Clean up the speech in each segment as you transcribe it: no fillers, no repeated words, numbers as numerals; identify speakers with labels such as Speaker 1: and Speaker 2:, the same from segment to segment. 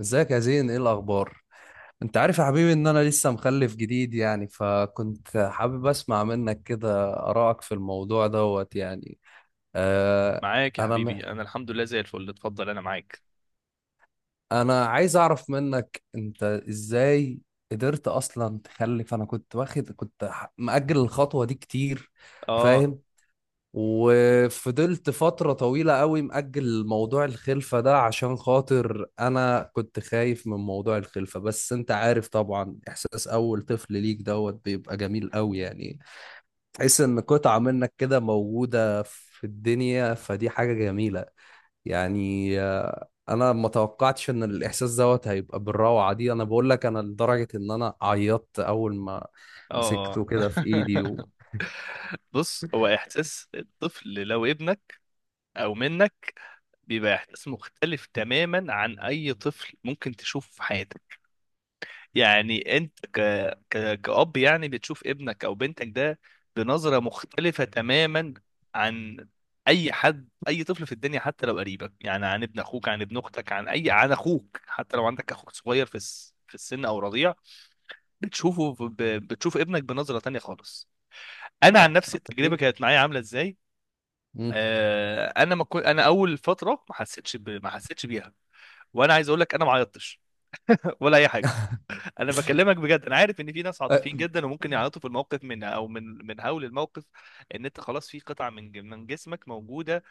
Speaker 1: ازيك يا زين، ايه الاخبار؟ انت عارف يا حبيبي ان انا لسه مخلف جديد، يعني فكنت حابب اسمع منك كده ارائك في الموضوع دوت، يعني. آه.
Speaker 2: معاك يا
Speaker 1: انا
Speaker 2: حبيبي،
Speaker 1: مح...
Speaker 2: انا الحمد لله زي الفل. اتفضل انا معاك.
Speaker 1: انا عايز اعرف منك انت ازاي قدرت اصلا تخلف، انا كنت واخد، مأجل الخطوة دي كتير.
Speaker 2: اه
Speaker 1: فاهم. وفضلت فترة طويلة قوي مأجل موضوع الخلفة ده عشان خاطر أنا كنت خايف من موضوع الخلفة، بس أنت عارف طبعا، إحساس أول طفل ليك دوت بيبقى جميل قوي، يعني تحس إن قطعة منك كده موجودة في الدنيا، فدي حاجة جميلة. يعني أنا ما توقعتش إن الإحساس دوت هيبقى بالروعة دي، أنا بقول لك، أنا لدرجة إن أنا عيطت أول ما
Speaker 2: اه
Speaker 1: مسكته كده في إيدي
Speaker 2: بص، هو احساس الطفل لو ابنك او منك بيبقى احساس مختلف تماما عن اي طفل ممكن تشوفه في حياتك. يعني انت كأب يعني بتشوف ابنك او بنتك ده بنظرة مختلفة تماما عن اي حد، اي طفل في الدنيا، حتى لو قريبك، يعني عن ابن اخوك، عن ابن اختك، عن اي، عن اخوك، حتى لو عندك اخوك صغير في السن او رضيع. بتشوف ابنك بنظرة تانية خالص. انا عن
Speaker 1: آه،
Speaker 2: نفسي التجربة
Speaker 1: أكيد.
Speaker 2: كانت معايا عاملة ازاي؟
Speaker 1: مم.
Speaker 2: آه، انا ما كنت، انا اول فترة ما حسيتش بيها. وانا عايز اقول لك انا ما عيطتش ولا اي حاجة. انا بكلمك بجد، انا عارف ان في ناس
Speaker 1: أه،
Speaker 2: عاطفيين جدا وممكن يعيطوا في الموقف من، او من هول الموقف، ان انت خلاص في قطعه من جسمك موجوده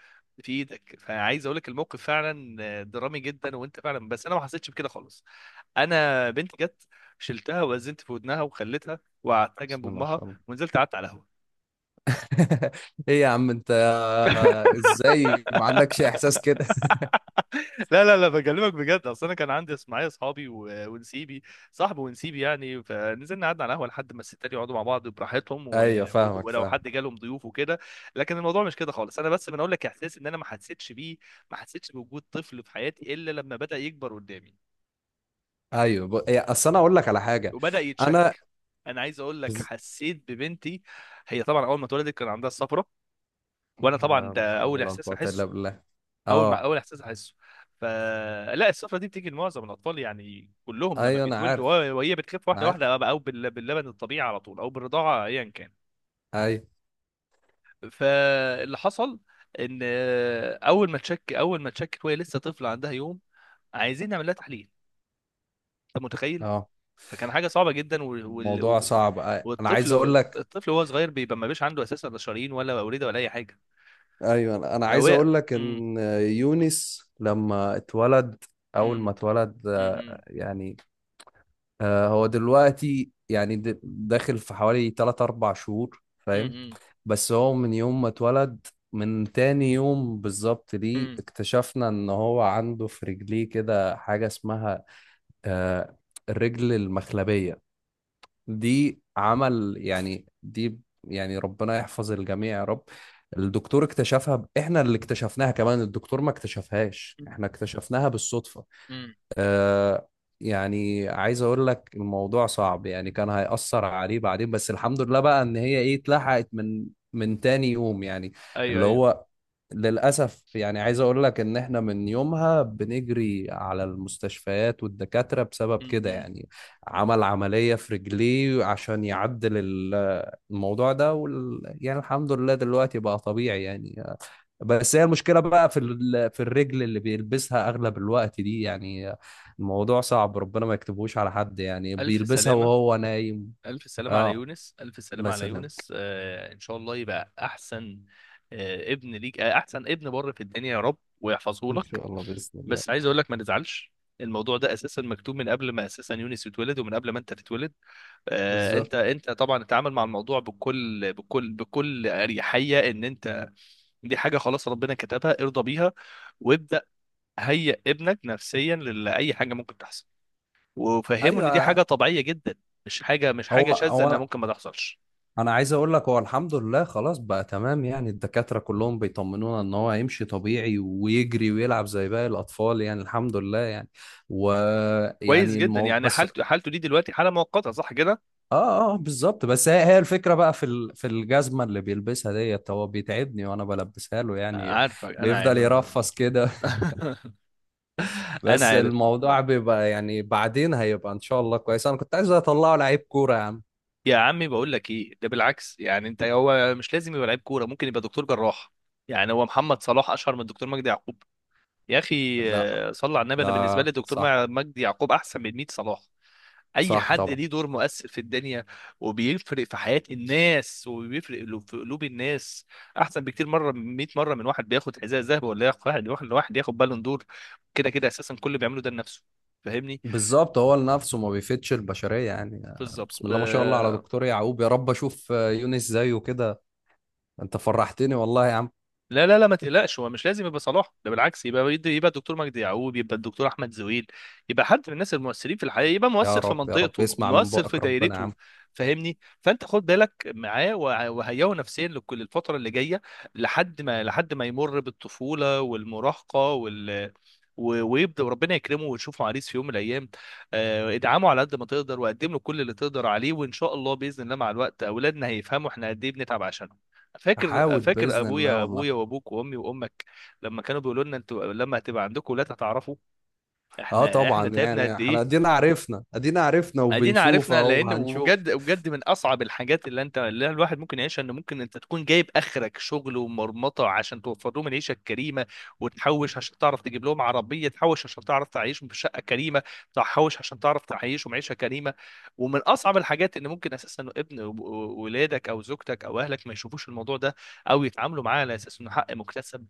Speaker 2: في ايدك. فعايز اقول لك الموقف فعلا درامي جدا، وانت فعلا، بس انا ما حسيتش بكده خالص. انا بنت جت، شلتها ووزنت في ودنها وخليتها وقعدتها جنب
Speaker 1: بسم الله ما
Speaker 2: امها،
Speaker 1: شاء الله.
Speaker 2: ونزلت قعدت على القهوه.
Speaker 1: ايه يا عم انت، ازاي ما عندكش احساس كده؟
Speaker 2: لا لا لا، بكلمك بجد، اصل انا كان عندي معايا اصحابي ونسيبي، صاحب ونسيبي، يعني فنزلنا قعدنا على القهوه لحد ما الستات يقعدوا مع بعض براحتهم و...
Speaker 1: ايوه، فاهمك،
Speaker 2: ولو
Speaker 1: فاهم.
Speaker 2: حد جالهم ضيوف وكده. لكن الموضوع مش كده خالص، انا بس بنقول لك احساس ان انا ما حسيتش بيه. ما حسيتش بوجود طفل في حياتي الا لما بدا يكبر قدامي
Speaker 1: ايوه، إيه، اصل انا اقول لك على حاجه.
Speaker 2: وبدا
Speaker 1: انا
Speaker 2: يتشك. انا عايز اقول لك
Speaker 1: بز...
Speaker 2: حسيت ببنتي. هي طبعا اول ما اتولدت كان عندها الصفرة، وانا طبعا
Speaker 1: آه، لا
Speaker 2: ده
Speaker 1: حول
Speaker 2: اول
Speaker 1: ولا
Speaker 2: احساس
Speaker 1: قوه الا
Speaker 2: احسه.
Speaker 1: بالله.
Speaker 2: اول ما
Speaker 1: اه،
Speaker 2: اول احساس احسه، فلا السفره دي بتيجي لمعظم الاطفال يعني، كلهم لما
Speaker 1: ايوه، انا
Speaker 2: بيتولدوا.
Speaker 1: عارف،
Speaker 2: وهي بتخف
Speaker 1: انا
Speaker 2: واحده
Speaker 1: عارف،
Speaker 2: واحده او باللبن الطبيعي على طول او بالرضاعه، ايا كان.
Speaker 1: ايوه.
Speaker 2: فاللي حصل ان آه، اول ما تشك، اول ما تشكت وهي لسه طفله عندها يوم، عايزين نعمل لها تحليل. انت متخيل؟
Speaker 1: اه،
Speaker 2: فكان حاجه صعبه جدا،
Speaker 1: الموضوع صعب، انا عايز اقول
Speaker 2: والطفل،
Speaker 1: لك.
Speaker 2: الطفل وهو صغير بيبقى ما بيش عنده اساسا لا شرايين ولا اورده ولا اي حاجه.
Speaker 1: ايوه، أنا عايز
Speaker 2: فهو
Speaker 1: اقول لك
Speaker 2: امم
Speaker 1: ان يونس لما اتولد، اول
Speaker 2: امم
Speaker 1: ما اتولد
Speaker 2: امم
Speaker 1: يعني، هو دلوقتي يعني داخل في حوالي 3 4 شهور، فاهم.
Speaker 2: امم
Speaker 1: بس هو من يوم ما اتولد، من تاني يوم بالظبط ليه
Speaker 2: امم
Speaker 1: اكتشفنا ان هو عنده في رجليه كده حاجة اسمها آه، الرجل المخلبية. دي عمل يعني، دي يعني ربنا يحفظ الجميع يا رب. الدكتور اكتشفها، احنا اللي اكتشفناها، كمان الدكتور ما اكتشفهاش، احنا اكتشفناها بالصدفة.
Speaker 2: امم
Speaker 1: آه. يعني عايز اقول لك الموضوع صعب يعني، كان هيأثر عليه بعدين، بس الحمد لله بقى ان هي ايه، اتلحقت من تاني يوم يعني،
Speaker 2: ايوه
Speaker 1: اللي
Speaker 2: ايوه.
Speaker 1: هو للأسف. يعني عايز اقول لك ان احنا من يومها بنجري على المستشفيات والدكاترة
Speaker 2: م-
Speaker 1: بسبب كده
Speaker 2: م.
Speaker 1: يعني. عمل عملية في رجليه عشان يعدل الموضوع ده، يعني الحمد لله دلوقتي بقى طبيعي يعني. بس هي المشكلة بقى في الرجل اللي بيلبسها أغلب الوقت دي يعني. الموضوع صعب، ربنا ما يكتبهوش على حد، يعني
Speaker 2: ألف
Speaker 1: بيلبسها
Speaker 2: سلامة،
Speaker 1: وهو نايم.
Speaker 2: ألف سلامة على
Speaker 1: اه،
Speaker 2: يونس، ألف
Speaker 1: الله
Speaker 2: سلامة على
Speaker 1: يسلمك.
Speaker 2: يونس. آه إن شاء الله يبقى أحسن. آه ابن ليك، آه أحسن ابن بر في الدنيا يا رب، ويحفظه
Speaker 1: إن
Speaker 2: لك.
Speaker 1: شاء الله بإذن الله.
Speaker 2: بس عايز أقول لك ما نزعلش، الموضوع ده أساسا مكتوب من قبل ما أساسا يونس يتولد ومن قبل ما أنت تتولد. آه أنت،
Speaker 1: بالظبط.
Speaker 2: أنت طبعا اتعامل مع الموضوع بكل أريحية. إن أنت دي حاجة خلاص ربنا كتبها ارضى بيها. وابدأ هيئ ابنك نفسيا لأي حاجة ممكن تحصل، وفهموا ان دي حاجه
Speaker 1: أيوه.
Speaker 2: طبيعيه جدا. مش حاجه، مش
Speaker 1: هو
Speaker 2: حاجه شاذه
Speaker 1: هو
Speaker 2: انها
Speaker 1: أنا
Speaker 2: ممكن ما تحصلش.
Speaker 1: أنا عايز أقول لك، هو الحمد لله خلاص بقى تمام يعني، الدكاترة كلهم بيطمنونا إن هو هيمشي طبيعي ويجري ويلعب زي باقي الأطفال، يعني الحمد لله يعني.
Speaker 2: كويس
Speaker 1: ويعني
Speaker 2: جدا يعني،
Speaker 1: بس.
Speaker 2: حالته، حالته دي دلوقتي حاله مؤقته، صح كده؟
Speaker 1: اه، اه، بالظبط. بس هي الفكره بقى في الجزمه اللي بيلبسها ديت، هو بيتعبني وانا بلبسها له يعني،
Speaker 2: عارفك، انا عارف.
Speaker 1: بيفضل يرفس كده.
Speaker 2: انا
Speaker 1: بس
Speaker 2: عارف
Speaker 1: الموضوع بيبقى يعني بعدين هيبقى ان شاء الله كويس، انا كنت عايز اطلعه لعيب كوره يا عم.
Speaker 2: يا عمي. بقول لك ايه ده، بالعكس يعني انت، هو مش لازم يبقى لعيب كوره، ممكن يبقى دكتور جراح. يعني هو محمد صلاح اشهر من دكتور مجدي يعقوب، يا اخي؟
Speaker 1: لا،
Speaker 2: آه، صلى على النبي، انا بالنسبه
Speaker 1: لا،
Speaker 2: لي دكتور
Speaker 1: صح.
Speaker 2: مجدي يعقوب احسن من 100 صلاح. اي
Speaker 1: صح
Speaker 2: حد
Speaker 1: طبعا.
Speaker 2: ليه دور مؤثر في الدنيا وبيفرق في حياة الناس وبيفرق في قلوب الناس احسن بكتير مرة، 100 مرة، من واحد بياخد حذاء ذهب ولا ياخد واحد ياخد بالون دور. كده كده اساسا كل اللي بيعمله ده لنفسه، فاهمني؟
Speaker 1: بالظبط، هو لنفسه، ما بيفيدش البشريه يعني. آه،
Speaker 2: بالظبط
Speaker 1: بسم
Speaker 2: ب...
Speaker 1: الله ما شاء الله على دكتور يعقوب، يا رب اشوف يونس زيه كده. انت فرحتني والله يا عم.
Speaker 2: لا لا لا، ما تقلقش. هو مش لازم يبقى صلاح ده، بالعكس، يبقى، يبقى الدكتور مجدي يعقوب، يبقى الدكتور احمد زويل، يبقى حد من الناس المؤثرين في الحقيقه، يبقى
Speaker 1: يا
Speaker 2: مؤثر في
Speaker 1: رب، يا رب
Speaker 2: منطقته،
Speaker 1: اسمع من
Speaker 2: مؤثر في
Speaker 1: بقك ربنا يا
Speaker 2: دايرته،
Speaker 1: عم.
Speaker 2: فاهمني؟ فانت خد بالك معاه وهيئه نفسيا لكل الفتره اللي جايه، لحد ما، لحد ما يمر بالطفوله والمراهقه ويبدا، وربنا يكرمه ويشوفه عريس في يوم من الايام. آه، ادعمه على قد ما تقدر وقدم له كل اللي تقدر عليه، وان شاء الله باذن الله مع الوقت اولادنا هيفهموا احنا قد ايه بنتعب عشان. فاكر،
Speaker 1: هحاول
Speaker 2: فاكر
Speaker 1: باذن الله
Speaker 2: ابويا،
Speaker 1: والله.
Speaker 2: ابويا وابوك وامي وامك لما كانوا بيقولوا لنا انتوا لما هتبقى عندكم ولاد هتعرفوا
Speaker 1: اه
Speaker 2: احنا، احنا
Speaker 1: طبعا،
Speaker 2: تعبنا
Speaker 1: يعني
Speaker 2: قد
Speaker 1: احنا
Speaker 2: ايه.
Speaker 1: ادينا عرفنا، ادينا عرفنا،
Speaker 2: ادينا
Speaker 1: وبنشوف
Speaker 2: عرفنا.
Speaker 1: اهو،
Speaker 2: لان،
Speaker 1: هنشوف.
Speaker 2: وبجد بجد، من اصعب الحاجات اللي انت، اللي الواحد ممكن يعيشها ان ممكن انت تكون جايب اخرك شغل ومرمطه عشان توفر لهم العيشه الكريمه، وتحوش عشان تعرف تجيب لهم عربيه، تحوش عشان تعرف تعيشهم في شقه كريمه، تحوش عشان تعرف تعيشهم عيشه كريمه. ومن اصعب الحاجات ان ممكن اساسا ابن ولادك او زوجتك او اهلك ما يشوفوش الموضوع ده، او يتعاملوا معاه على اساس انه حق مكتسب.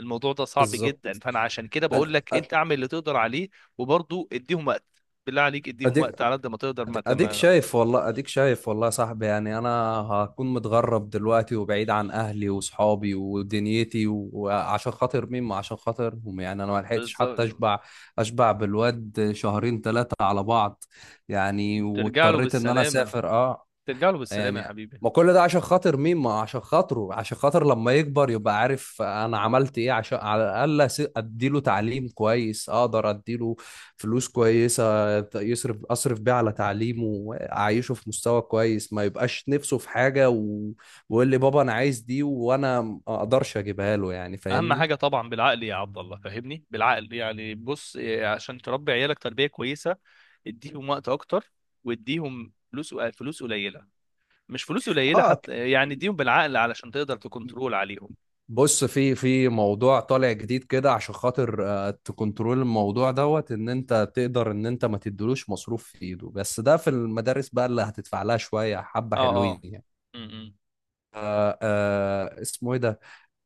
Speaker 2: الموضوع ده صعب
Speaker 1: بالظبط.
Speaker 2: جدا، فانا عشان كده
Speaker 1: أد-
Speaker 2: بقول لك
Speaker 1: أد-
Speaker 2: انت اعمل اللي تقدر عليه. وبرضه اديهم وقت، بالله عليك اديهم
Speaker 1: اديك،
Speaker 2: وقت على قد ما تقدر،
Speaker 1: اديك شايف والله، اديك شايف والله يا صاحبي، يعني انا هكون متغرب دلوقتي وبعيد عن اهلي وصحابي ودنيتي، وعشان خاطر مين؟ ما عشان خاطرهم، يعني انا ما لحقتش
Speaker 2: بالظبط.
Speaker 1: حتى اشبع بالواد شهرين ثلاثة على بعض يعني،
Speaker 2: ترجع له
Speaker 1: واضطريت ان انا
Speaker 2: بالسلامة،
Speaker 1: اسافر، اه.
Speaker 2: ترجع له بالسلامة
Speaker 1: يعني
Speaker 2: يا حبيبي.
Speaker 1: ما كل ده عشان خاطر مين؟ ما عشان خاطره، عشان خاطر لما يكبر يبقى عارف انا عملت ايه، عشان على الاقل اديله تعليم كويس، اقدر اديله فلوس كويسة ت- يصرف اصرف بيها على تعليمه واعيشه في مستوى كويس، ما يبقاش نفسه في حاجة ويقول لي بابا انا عايز دي وانا ما اقدرش اجيبها له، يعني
Speaker 2: أهم
Speaker 1: فاهمني.
Speaker 2: حاجة طبعا بالعقل يا عبد الله، فاهمني؟ بالعقل، يعني بص إيه، عشان تربي عيالك تربية كويسة اديهم وقت أكتر، واديهم فلوس، فلوس قليلة، مش فلوس قليلة
Speaker 1: اه،
Speaker 2: حتى، يعني اديهم بالعقل علشان تقدر تكنترول عليهم.
Speaker 1: بص، في موضوع طالع جديد كده عشان خاطر تكنترول الموضوع دوت، ان انت تقدر ان انت ما تديلوش مصروف في ايده، بس ده في المدارس بقى اللي هتدفع لها شويه حبه
Speaker 2: اه
Speaker 1: حلوين
Speaker 2: اه
Speaker 1: يعني.
Speaker 2: م- م-
Speaker 1: اسمه ايه ده؟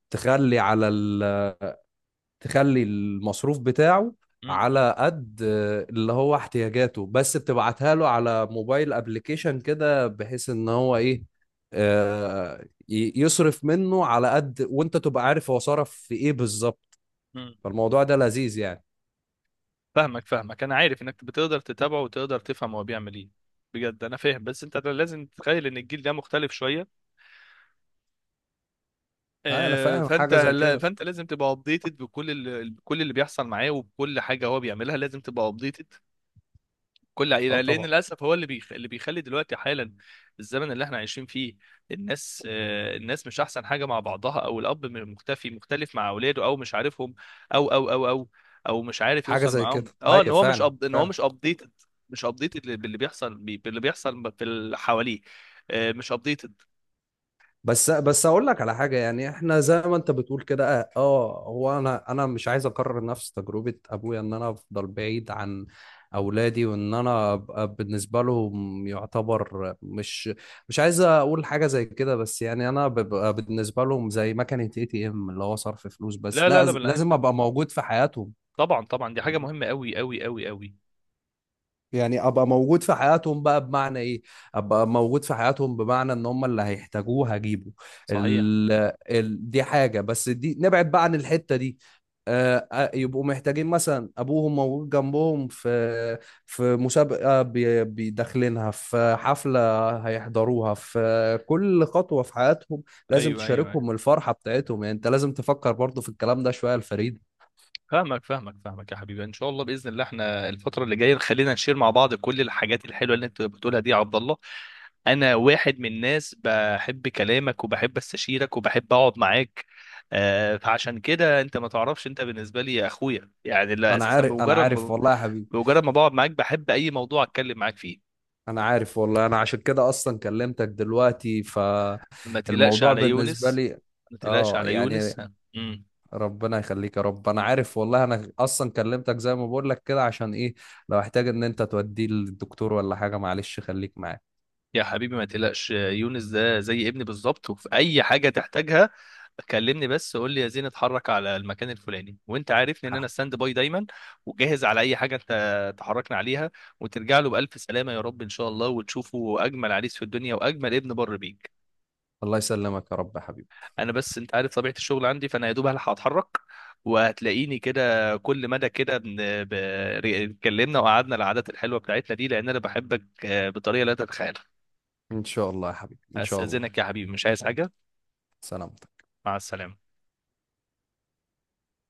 Speaker 1: تخلي على ال... تخلي المصروف بتاعه
Speaker 2: م-
Speaker 1: على قد اللي هو احتياجاته بس، بتبعتها له على موبايل ابلكيشن كده، بحيث ان هو ايه، يصرف منه على قد، وانت تبقى عارف هو صرف في ايه بالظبط.
Speaker 2: م-
Speaker 1: فالموضوع ده لذيذ يعني.
Speaker 2: فاهمك، فاهمك، انا عارف انك بتقدر تتابعه وتقدر تفهم هو بيعمل ايه. بجد انا فاهم، بس انت لازم تتخيل ان الجيل ده مختلف شويه.
Speaker 1: آه، انا
Speaker 2: آه،
Speaker 1: فاهم
Speaker 2: فانت،
Speaker 1: حاجه زي
Speaker 2: لا
Speaker 1: كده.
Speaker 2: فانت لازم تبقى ابديتد بكل اللي بيحصل معاه، وبكل حاجه هو بيعملها لازم تبقى ابديتد كل
Speaker 1: اه
Speaker 2: عائلة. لأن
Speaker 1: طبعا.
Speaker 2: للأسف هو اللي اللي بيخلي دلوقتي حالا الزمن اللي احنا عايشين فيه، الناس، آه، الناس مش أحسن حاجة مع بعضها، أو الأب مختفي، مختلف مع أولاده، أو مش عارفهم، أو أو مش عارف
Speaker 1: حاجه
Speaker 2: يوصل
Speaker 1: زي
Speaker 2: معاهم،
Speaker 1: كده،
Speaker 2: أه، إن
Speaker 1: ايوه
Speaker 2: هو مش
Speaker 1: فعلا،
Speaker 2: أب... إن هو
Speaker 1: فعلا.
Speaker 2: مش أبديتد، مش أبديتد باللي باللي بيحصل في اللي حواليه. آه، مش أبديتد.
Speaker 1: بس بس اقول لك على حاجه، يعني احنا زي ما انت بتقول كده، اه، هو انا مش عايز اكرر نفس تجربه ابويا، ان انا افضل بعيد عن اولادي، وان انا ابقى بالنسبه لهم يعتبر مش عايز اقول حاجه زي كده، بس يعني انا ببقى بالنسبه لهم زي مكنه ATM، اللي هو صرف فلوس بس.
Speaker 2: لا لا
Speaker 1: لا،
Speaker 2: لا لا،
Speaker 1: لازم
Speaker 2: أنت
Speaker 1: ابقى موجود في حياتهم.
Speaker 2: طبعا، طبعا دي حاجة مهمة أوي.
Speaker 1: يعني ابقى موجود في حياتهم بقى بمعنى ايه؟ ابقى موجود في حياتهم بمعنى ان هم اللي هيحتاجوه هجيبه.
Speaker 2: صحيح.
Speaker 1: ال... دي حاجة، بس دي نبعد بقى عن الحتة دي. يبقوا محتاجين مثلا ابوهم موجود جنبهم في في مسابقة بيدخلينها، في حفلة هيحضروها، في كل خطوة في حياتهم لازم
Speaker 2: أيوه، أيوه، أيوه.
Speaker 1: تشاركهم الفرحة بتاعتهم، يعني انت لازم تفكر برضو في الكلام ده شوية الفريد.
Speaker 2: فاهمك يا حبيبي. ان شاء الله باذن الله احنا الفتره اللي جايه خلينا نشير مع بعض كل الحاجات الحلوه اللي انت بتقولها دي يا عبد الله. انا واحد من الناس بحب كلامك وبحب استشيرك وبحب اقعد معاك. آه، فعشان كده انت ما تعرفش انت بالنسبه لي يا اخويا، يعني لا
Speaker 1: انا
Speaker 2: اساسا
Speaker 1: عارف، انا
Speaker 2: بمجرد
Speaker 1: عارف
Speaker 2: ما،
Speaker 1: والله يا حبيبي،
Speaker 2: بمجرد ما بقعد معاك بحب اي موضوع اتكلم معاك فيه.
Speaker 1: انا عارف والله، انا عشان كده اصلا كلمتك دلوقتي،
Speaker 2: ما تقلقش
Speaker 1: فالموضوع
Speaker 2: على
Speaker 1: بالنسبه
Speaker 2: يونس،
Speaker 1: لي،
Speaker 2: ما تقلقش
Speaker 1: اه،
Speaker 2: على يونس
Speaker 1: يعني ربنا يخليك يا رب، انا عارف والله، انا اصلا كلمتك زي ما بقول لك كده عشان ايه؟ لو احتاج ان انت توديه للدكتور ولا حاجه، معلش خليك معايا.
Speaker 2: يا حبيبي. ما تقلقش، يونس ده زي ابني بالظبط، وفي اي حاجه تحتاجها كلمني بس قول لي يا زين اتحرك على المكان الفلاني، وانت عارفني ان
Speaker 1: ح-
Speaker 2: انا ستاند باي دايما، وجاهز على اي حاجه انت تحركنا عليها. وترجع له بالف سلامه يا رب ان شاء الله، وتشوفه اجمل عريس في الدنيا واجمل ابن بر بيك.
Speaker 1: الله يسلمك يا رب يا حبيبي.
Speaker 2: انا بس انت عارف طبيعه الشغل عندي، فانا يا دوب هلحق اتحرك. وهتلاقيني كده كل مدى كده اتكلمنا وقعدنا العادات الحلوه بتاعتنا دي، لان انا بحبك آه، بطريقه لا تتخيلها.
Speaker 1: ان شاء الله يا حبيبي، ان شاء الله.
Speaker 2: استاذنك يا حبيبي، مش عايز حاجه.
Speaker 1: سلام.
Speaker 2: مع السلامة.